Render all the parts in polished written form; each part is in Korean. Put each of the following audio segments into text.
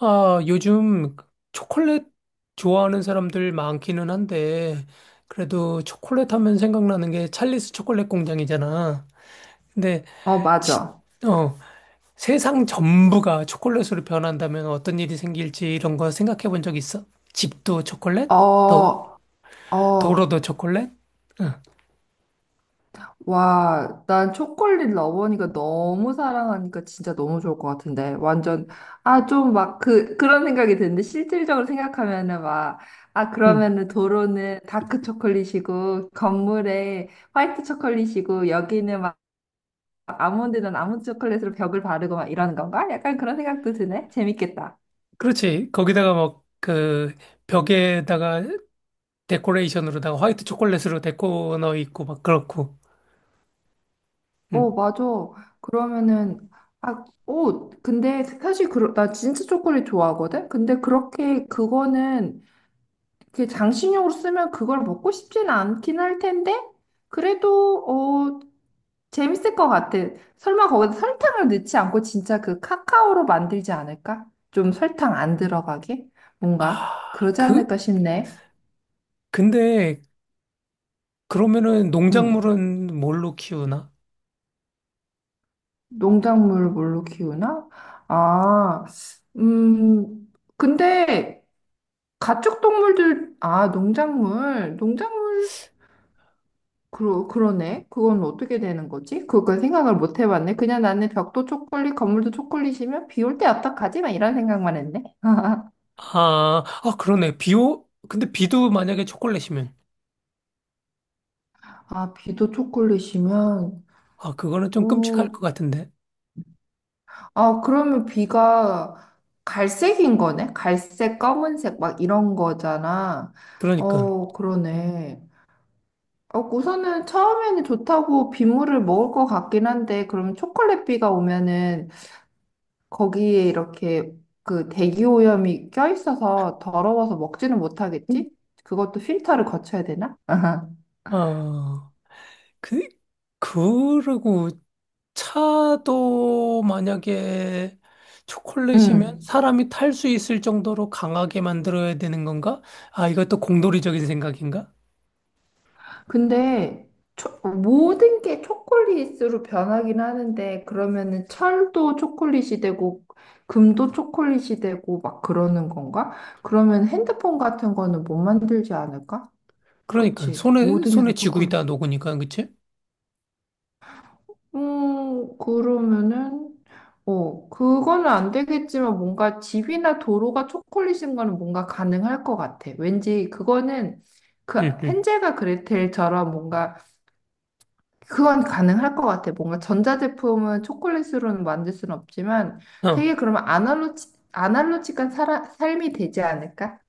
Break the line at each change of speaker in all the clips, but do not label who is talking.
아, 요즘 초콜릿 좋아하는 사람들 많기는 한데, 그래도 초콜릿 하면 생각나는 게 찰리스 초콜릿 공장이잖아. 근데,
어,
치-
맞아.
어, 세상 전부가 초콜릿으로 변한다면 어떤 일이 생길지 이런 거 생각해 본 적 있어? 집도 초콜릿? 또,
어, 어,
도로도 초콜릿? 응,
와, 난 초콜릿 러버니까 너무 사랑하니까 진짜 너무 좋을 것 같은데. 완전, 아, 좀 막 그런 생각이 드는데, 실질적으로 생각하면은 막, 아,
응.
그러면은 도로는 다크 초콜릿이고, 건물에 화이트 초콜릿이고, 여기는 막 아몬드는 아몬드 초콜릿으로 벽을 바르고 막 이러는 건가? 약간 그런 생각도 드네. 재밌겠다.
그렇지. 거기다가 막, 그, 벽에다가 데코레이션으로다가 화이트 초콜릿으로 데코 넣어 있고, 막 그렇고.
어,
응.
맞아. 그러면은, 아, 오, 근데 사실 그, 나 진짜 초콜릿 좋아하거든? 근데 그렇게 그거는, 그 장식용으로 쓰면 그걸 먹고 싶지는 않긴 할 텐데, 그래도, 어, 재밌을 것 같아. 설마 거기다 설탕을 넣지 않고 진짜 그 카카오로 만들지 않을까? 좀 설탕 안 들어가게? 뭔가?
아,
그러지
그,
않을까 싶네.
근데 그러면은
응.
농작물은 뭘로 키우나?
농작물을 뭘로 키우나? 아, 음, 근데, 가축동물들, 아, 농작물, 농작물, 그러네. 그건 어떻게 되는 거지? 그걸 생각을 못 해봤네. 그냥 나는 벽도 초콜릿, 건물도 초콜릿이면 비 올 때 어떡하지만 이런 생각만 했네.
아, 아 그러네. 비오 근데 비도 만약에 초콜릿이면
아, 비도 초콜릿이면,
아 그거는 좀 끔찍할 것
오,
같은데.
아, 그러면 비가 갈색인 거네? 갈색, 검은색, 막 이런 거잖아.
그러니까
어, 그러네. 어, 우선은 처음에는 좋다고 빗물을 먹을 것 같긴 한데, 그럼 초콜릿 비가 오면은 거기에 이렇게 그 대기오염이 껴있어서 더러워서 먹지는 못하겠지? 그것도 필터를 거쳐야 되나? 아하.
아, 그 그리고 차도 만약에 초콜릿이면
응.
사람이 탈 수 있을 정도로 강하게 만들어야 되는 건가? 아, 이것도 공돌이적인 생각인가?
근데 모든 게 초콜릿으로 변하긴 하는데 그러면은 철도 초콜릿이 되고 금도 초콜릿이 되고 막 그러는 건가? 그러면 핸드폰 같은 거는 못 만들지 않을까?
그러니까
그치?
손에
모든 게 다
손에 쥐고
초콜릿.
있다 녹으니까 그치?
그러면은, 어, 그거는 안 되겠지만 뭔가 집이나 도로가 초콜릿인 거는 뭔가 가능할 것 같아. 왠지 그거는 그
응, 응.
헨젤과 그레텔처럼 뭔가 그건 가능할 것 같아. 뭔가 전자제품은 초콜릿으로는 만들 수는 없지만
어.
되게 그러면 아날로직한 삶이 되지 않을까?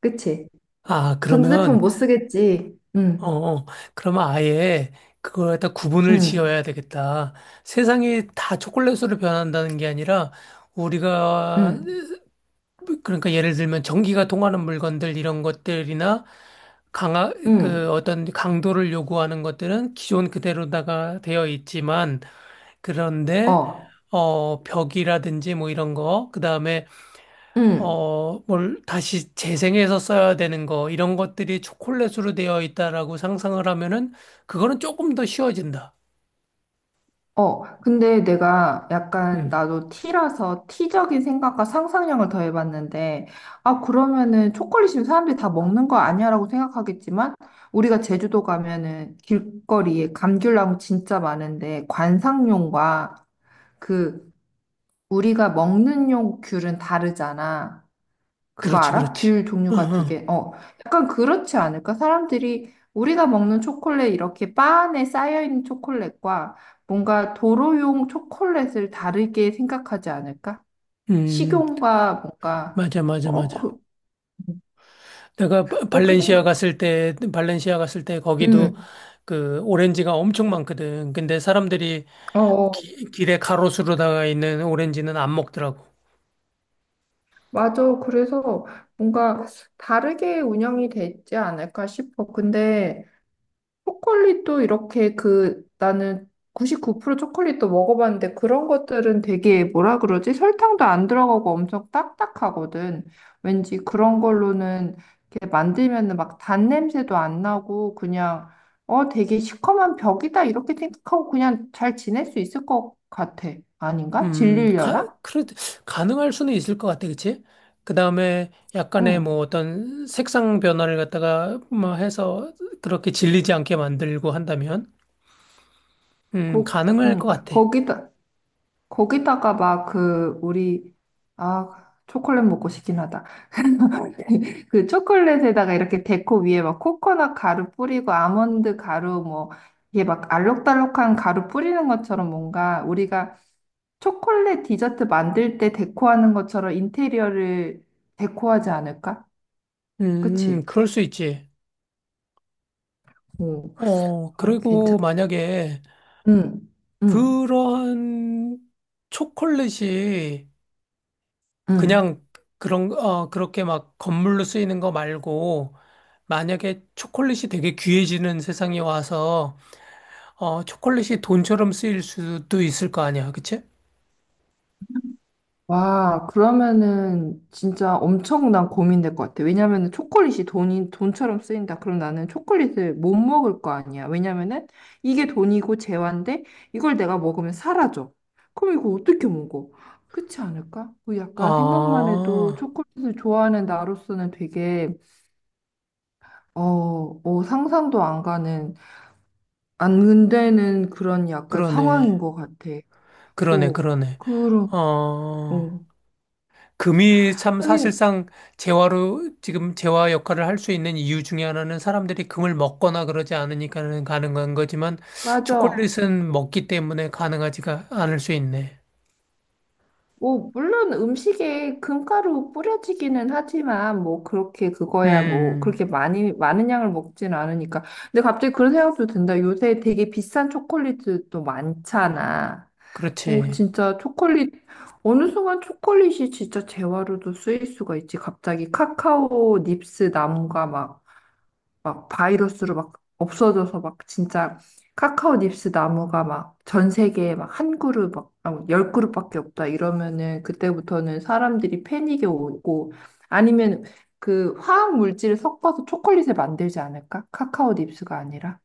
그치?
아,
전자제품
그러면
못 쓰겠지. 응,
어, 어. 그러면 아예 그걸 갖다 구분을
응,
지어야 되겠다. 세상이 다 초콜릿으로 변한다는 게 아니라 우리가
응,
그러니까 예를 들면 전기가 통하는 물건들 이런 것들이나 강하 그
응,
어떤 강도를 요구하는 것들은 기존 그대로다가 되어 있지만 그런데
어,
어 벽이라든지 뭐 이런 거 그다음에
응.
어, 뭘 다시 재생해서 써야 되는 거, 이런 것들이 초콜릿으로 되어 있다라고 상상을 하면은, 그거는 조금 더 쉬워진다.
어, 근데 내가 약간
음,
나도 티라서 티적인 생각과 상상력을 더해봤는데, 아, 그러면은 초콜릿이면 사람들이 다 먹는 거 아니야라고 생각하겠지만, 우리가 제주도 가면은 길거리에 감귤나무 진짜 많은데, 관상용과 그 우리가 먹는 용 귤은 다르잖아. 그거
그렇지,
알아?
그렇지.
귤
어,
종류가 두
어.
개. 어, 약간 그렇지 않을까? 사람들이 우리가 먹는 초콜릿 이렇게 바 안에 쌓여있는 초콜릿과 뭔가 도로용 초콜릿을 다르게 생각하지 않을까?
음,
식용과 뭔가,
맞아, 맞아,
어,
맞아.
그,
내가
그렇게
발렌시아
생각,
갔을 때, 발렌시아 갔을 때 거기도
음,
그 오렌지가 엄청 많거든. 근데 사람들이
어, 어.
길에 가로수로다가 있는 오렌지는 안 먹더라고.
맞아. 그래서 뭔가 다르게 운영이 되지 않을까 싶어. 근데 초콜릿도 이렇게 그 나는 99% 초콜릿도 먹어봤는데 그런 것들은 되게 뭐라 그러지? 설탕도 안 들어가고 엄청 딱딱하거든. 왠지 그런 걸로는 이렇게 만들면은 막 단 냄새도 안 나고 그냥 어 되게 시커먼 벽이다 이렇게 생각하고 그냥 잘 지낼 수 있을 것 같아. 아닌가?
음, 가,
질리려나?
그래, 가능할 수는 있을 것 같아, 그치? 그 다음에 약간의 뭐
응.
어떤 색상 변화를 갖다가 뭐 해서 그렇게 질리지 않게 만들고 한다면,
거,
가능할
응.
것 같아.
거기다가 막 그 우리 아 초콜릿 먹고 싶긴 하다. 그 초콜릿에다가 이렇게 데코 위에 막 코코넛 가루 뿌리고 아몬드 가루 뭐 이게 막 알록달록한 가루 뿌리는 것처럼 뭔가 우리가 초콜릿 디저트 만들 때 데코하는 것처럼 인테리어를 데코하지 않을까? 그치?
그럴 수 있지.
오,
어,
아, 괜찮.
그리고 만약에
응, 응,
그런 초콜릿이
응.
그냥 그런, 어, 그렇게 막 건물로 쓰이는 거 말고, 만약에 초콜릿이 되게 귀해지는 세상이 와서 아, 초콜릿이 돈처럼 쓰일 수도 있을 거 아니야, 그치?
와, 그러면은 진짜 엄청난 고민될 것 같아. 왜냐면은 초콜릿이 돈처럼 쓰인다. 그럼 나는 초콜릿을 못 먹을 거 아니야. 왜냐면은 이게 돈이고 재화인데 이걸 내가 먹으면 사라져. 그럼 이거 어떻게 먹어? 그렇지 않을까? 그 약간 생각만 해도
아,
초콜릿을 좋아하는 나로서는 되게, 어, 어, 상상도 안 가는, 안 되는 그런 약간
그러네.
상황인 것 같아.
그러네,
어,
그러네.
그럼, 어.
어, 금이 참
하긴,
사실상 재화로, 지금 재화 역할을 할 수 있는 이유 중에 하나는 사람들이 금을 먹거나 그러지 않으니까는 가능한 거지만,
맞아.
초콜릿은 먹기 때문에 가능하지가 않을 수 있네.
뭐, 물론 음식에 금가루 뿌려지기는 하지만, 뭐, 그렇게 그거야, 뭐,
음,
그렇게 많이, 많은 양을 먹진 않으니까. 근데 갑자기 그런 생각도 든다. 요새 되게 비싼 초콜릿도 많잖아. 오,
그렇지.
진짜 초콜릿, 어느 순간 초콜릿이 진짜 재화로도 쓰일 수가 있지. 갑자기 카카오 닙스 나무가 막 바이러스로 막 없어져서 막 진짜 카카오 닙스 나무가 막 전 세계에 막 한 그룹 막 아무 열 그룹밖에 없다 이러면은 그때부터는 사람들이 패닉에 오고 아니면 그 화학 물질을 섞어서 초콜릿을 만들지 않을까? 카카오 닙스가 아니라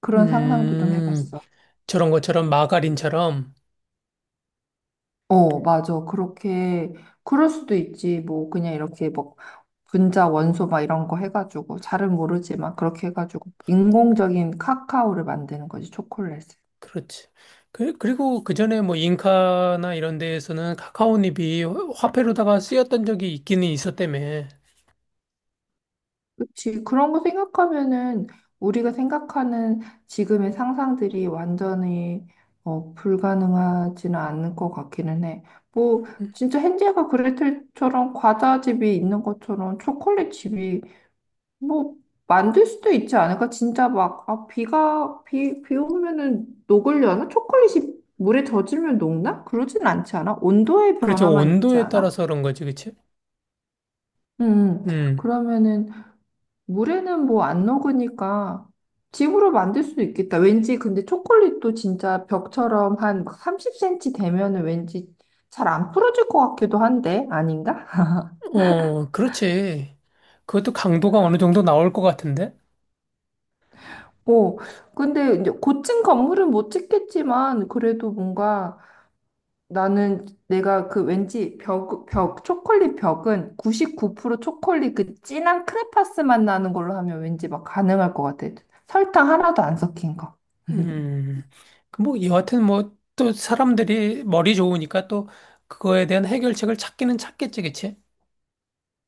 그런 상상도 좀
음,
해봤어.
저런 것처럼 마가린처럼,
어, 맞아. 그렇게, 그럴 수도 있지. 뭐, 그냥 이렇게 뭐, 분자, 원소 막 이런 거 해가지고, 잘은 모르지만, 그렇게 해가지고, 인공적인 카카오를 만드는 거지, 초콜릿을.
그렇지. 그, 그리고 그 전에 뭐 잉카나 이런 데에서는 카카오잎이 화폐로다가 쓰였던 적이 있기는 있었다며.
그치. 그런 거 생각하면은, 우리가 생각하는 지금의 상상들이 완전히, 어, 불가능하지는 않을 것 같기는 해. 뭐,
음,
진짜 헨젤과 그레텔처럼 과자집이 있는 것처럼 초콜릿 집이 뭐 만들 수도 있지 않을까? 진짜 막 아, 비가 비 오면은 녹으려나? 초콜릿이 물에 젖으면 녹나? 그러진 않지 않아? 온도의
그렇지.
변화만 있지
온도에
않아?
따라서 그런 거지, 그치?
음,
음,
그러면은 물에는 뭐 안 녹으니까 집으로 만들 수도 있겠다. 왠지 근데 초콜릿도 진짜 벽처럼 한 30cm 되면은 왠지 잘 안 풀어질 것 같기도 한데 아닌가?
어, 그렇지. 그것도 강도가 어느 정도 나올 것 같은데?
어, 근데 이제 고층 건물은 못 짓겠지만 그래도 뭔가 나는 내가 그 왠지 초콜릿 벽은 99% 초콜릿 그 진한 크레파스 맛 나는 걸로 하면 왠지 막 가능할 것 같아. 설탕 하나도 안 섞인 거.
음, 그 뭐 여하튼 뭐 또 사람들이 머리 좋으니까 또 그거에 대한 해결책을 찾기는 찾겠지, 그치?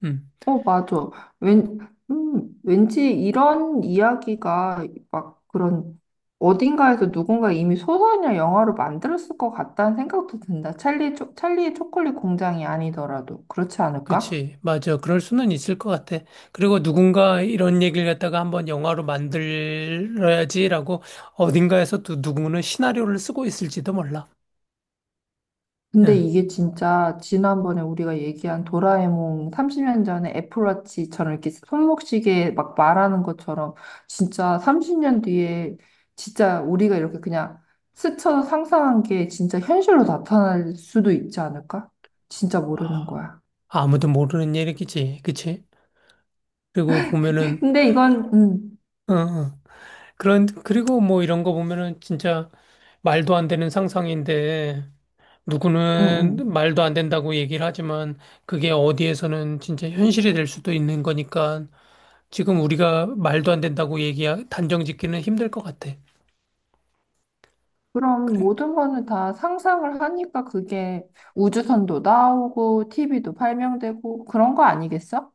음.
어, 맞아. 왠, 왠지 이런 이야기가 막 그런 어딘가에서 누군가 이미 소설이나 영화로 만들었을 것 같다는 생각도 든다. 찰리의 초콜릿 공장이 아니더라도. 그렇지 않을까?
그치. 맞아. 그럴 수는 있을 것 같아. 그리고 누군가 이런 얘기를 갖다가 한번 영화로 만들어야지라고 어딘가에서 또 누구는 시나리오를 쓰고 있을지도 몰라.
근데
응.
이게 진짜 지난번에 우리가 얘기한 도라에몽 30년 전에 애플워치처럼 이렇게 손목시계 막 말하는 것처럼 진짜 30년 뒤에 진짜 우리가 이렇게 그냥 스쳐 상상한 게 진짜 현실로 나타날 수도 있지 않을까? 진짜 모르는 거야.
아무도 모르는 얘기지. 그치. 그리고 보면은,
근데 이건,
응, 응. 그런, 그리고 뭐 이런 거 보면은 진짜 말도 안 되는 상상인데
음,
누구는
음.
말도 안 된다고 얘기를 하지만 그게 어디에서는 진짜 현실이 될 수도 있는 거니까 지금 우리가 말도 안 된다고 얘기하, 단정 짓기는 힘들 것 같아.
그럼
그래.
모든 거는 다 상상을 하니까 그게 우주선도 나오고 TV도 발명되고 그런 거 아니겠어?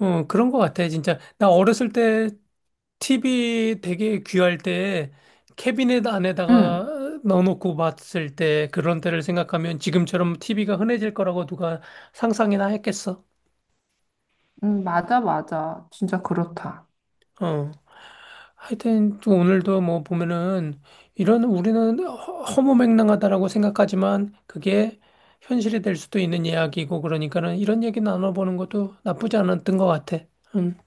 어, 그런 것 같아, 진짜. 나 어렸을 때 TV 되게 귀할 때 캐비넷
응.
안에다가 넣어놓고 봤을 때 그런 때를 생각하면 지금처럼 TV가 흔해질 거라고 누가 상상이나 했겠어.
맞아, 맞아. 진짜 그렇다.
어. 하여튼 또 오늘도 뭐 보면은 이런 우리는 허무맹랑하다라고 생각하지만 그게 현실이 될 수도 있는 이야기고 그러니까는 이런 얘기 나눠보는 것도 나쁘지 않았던 것 같아. 음.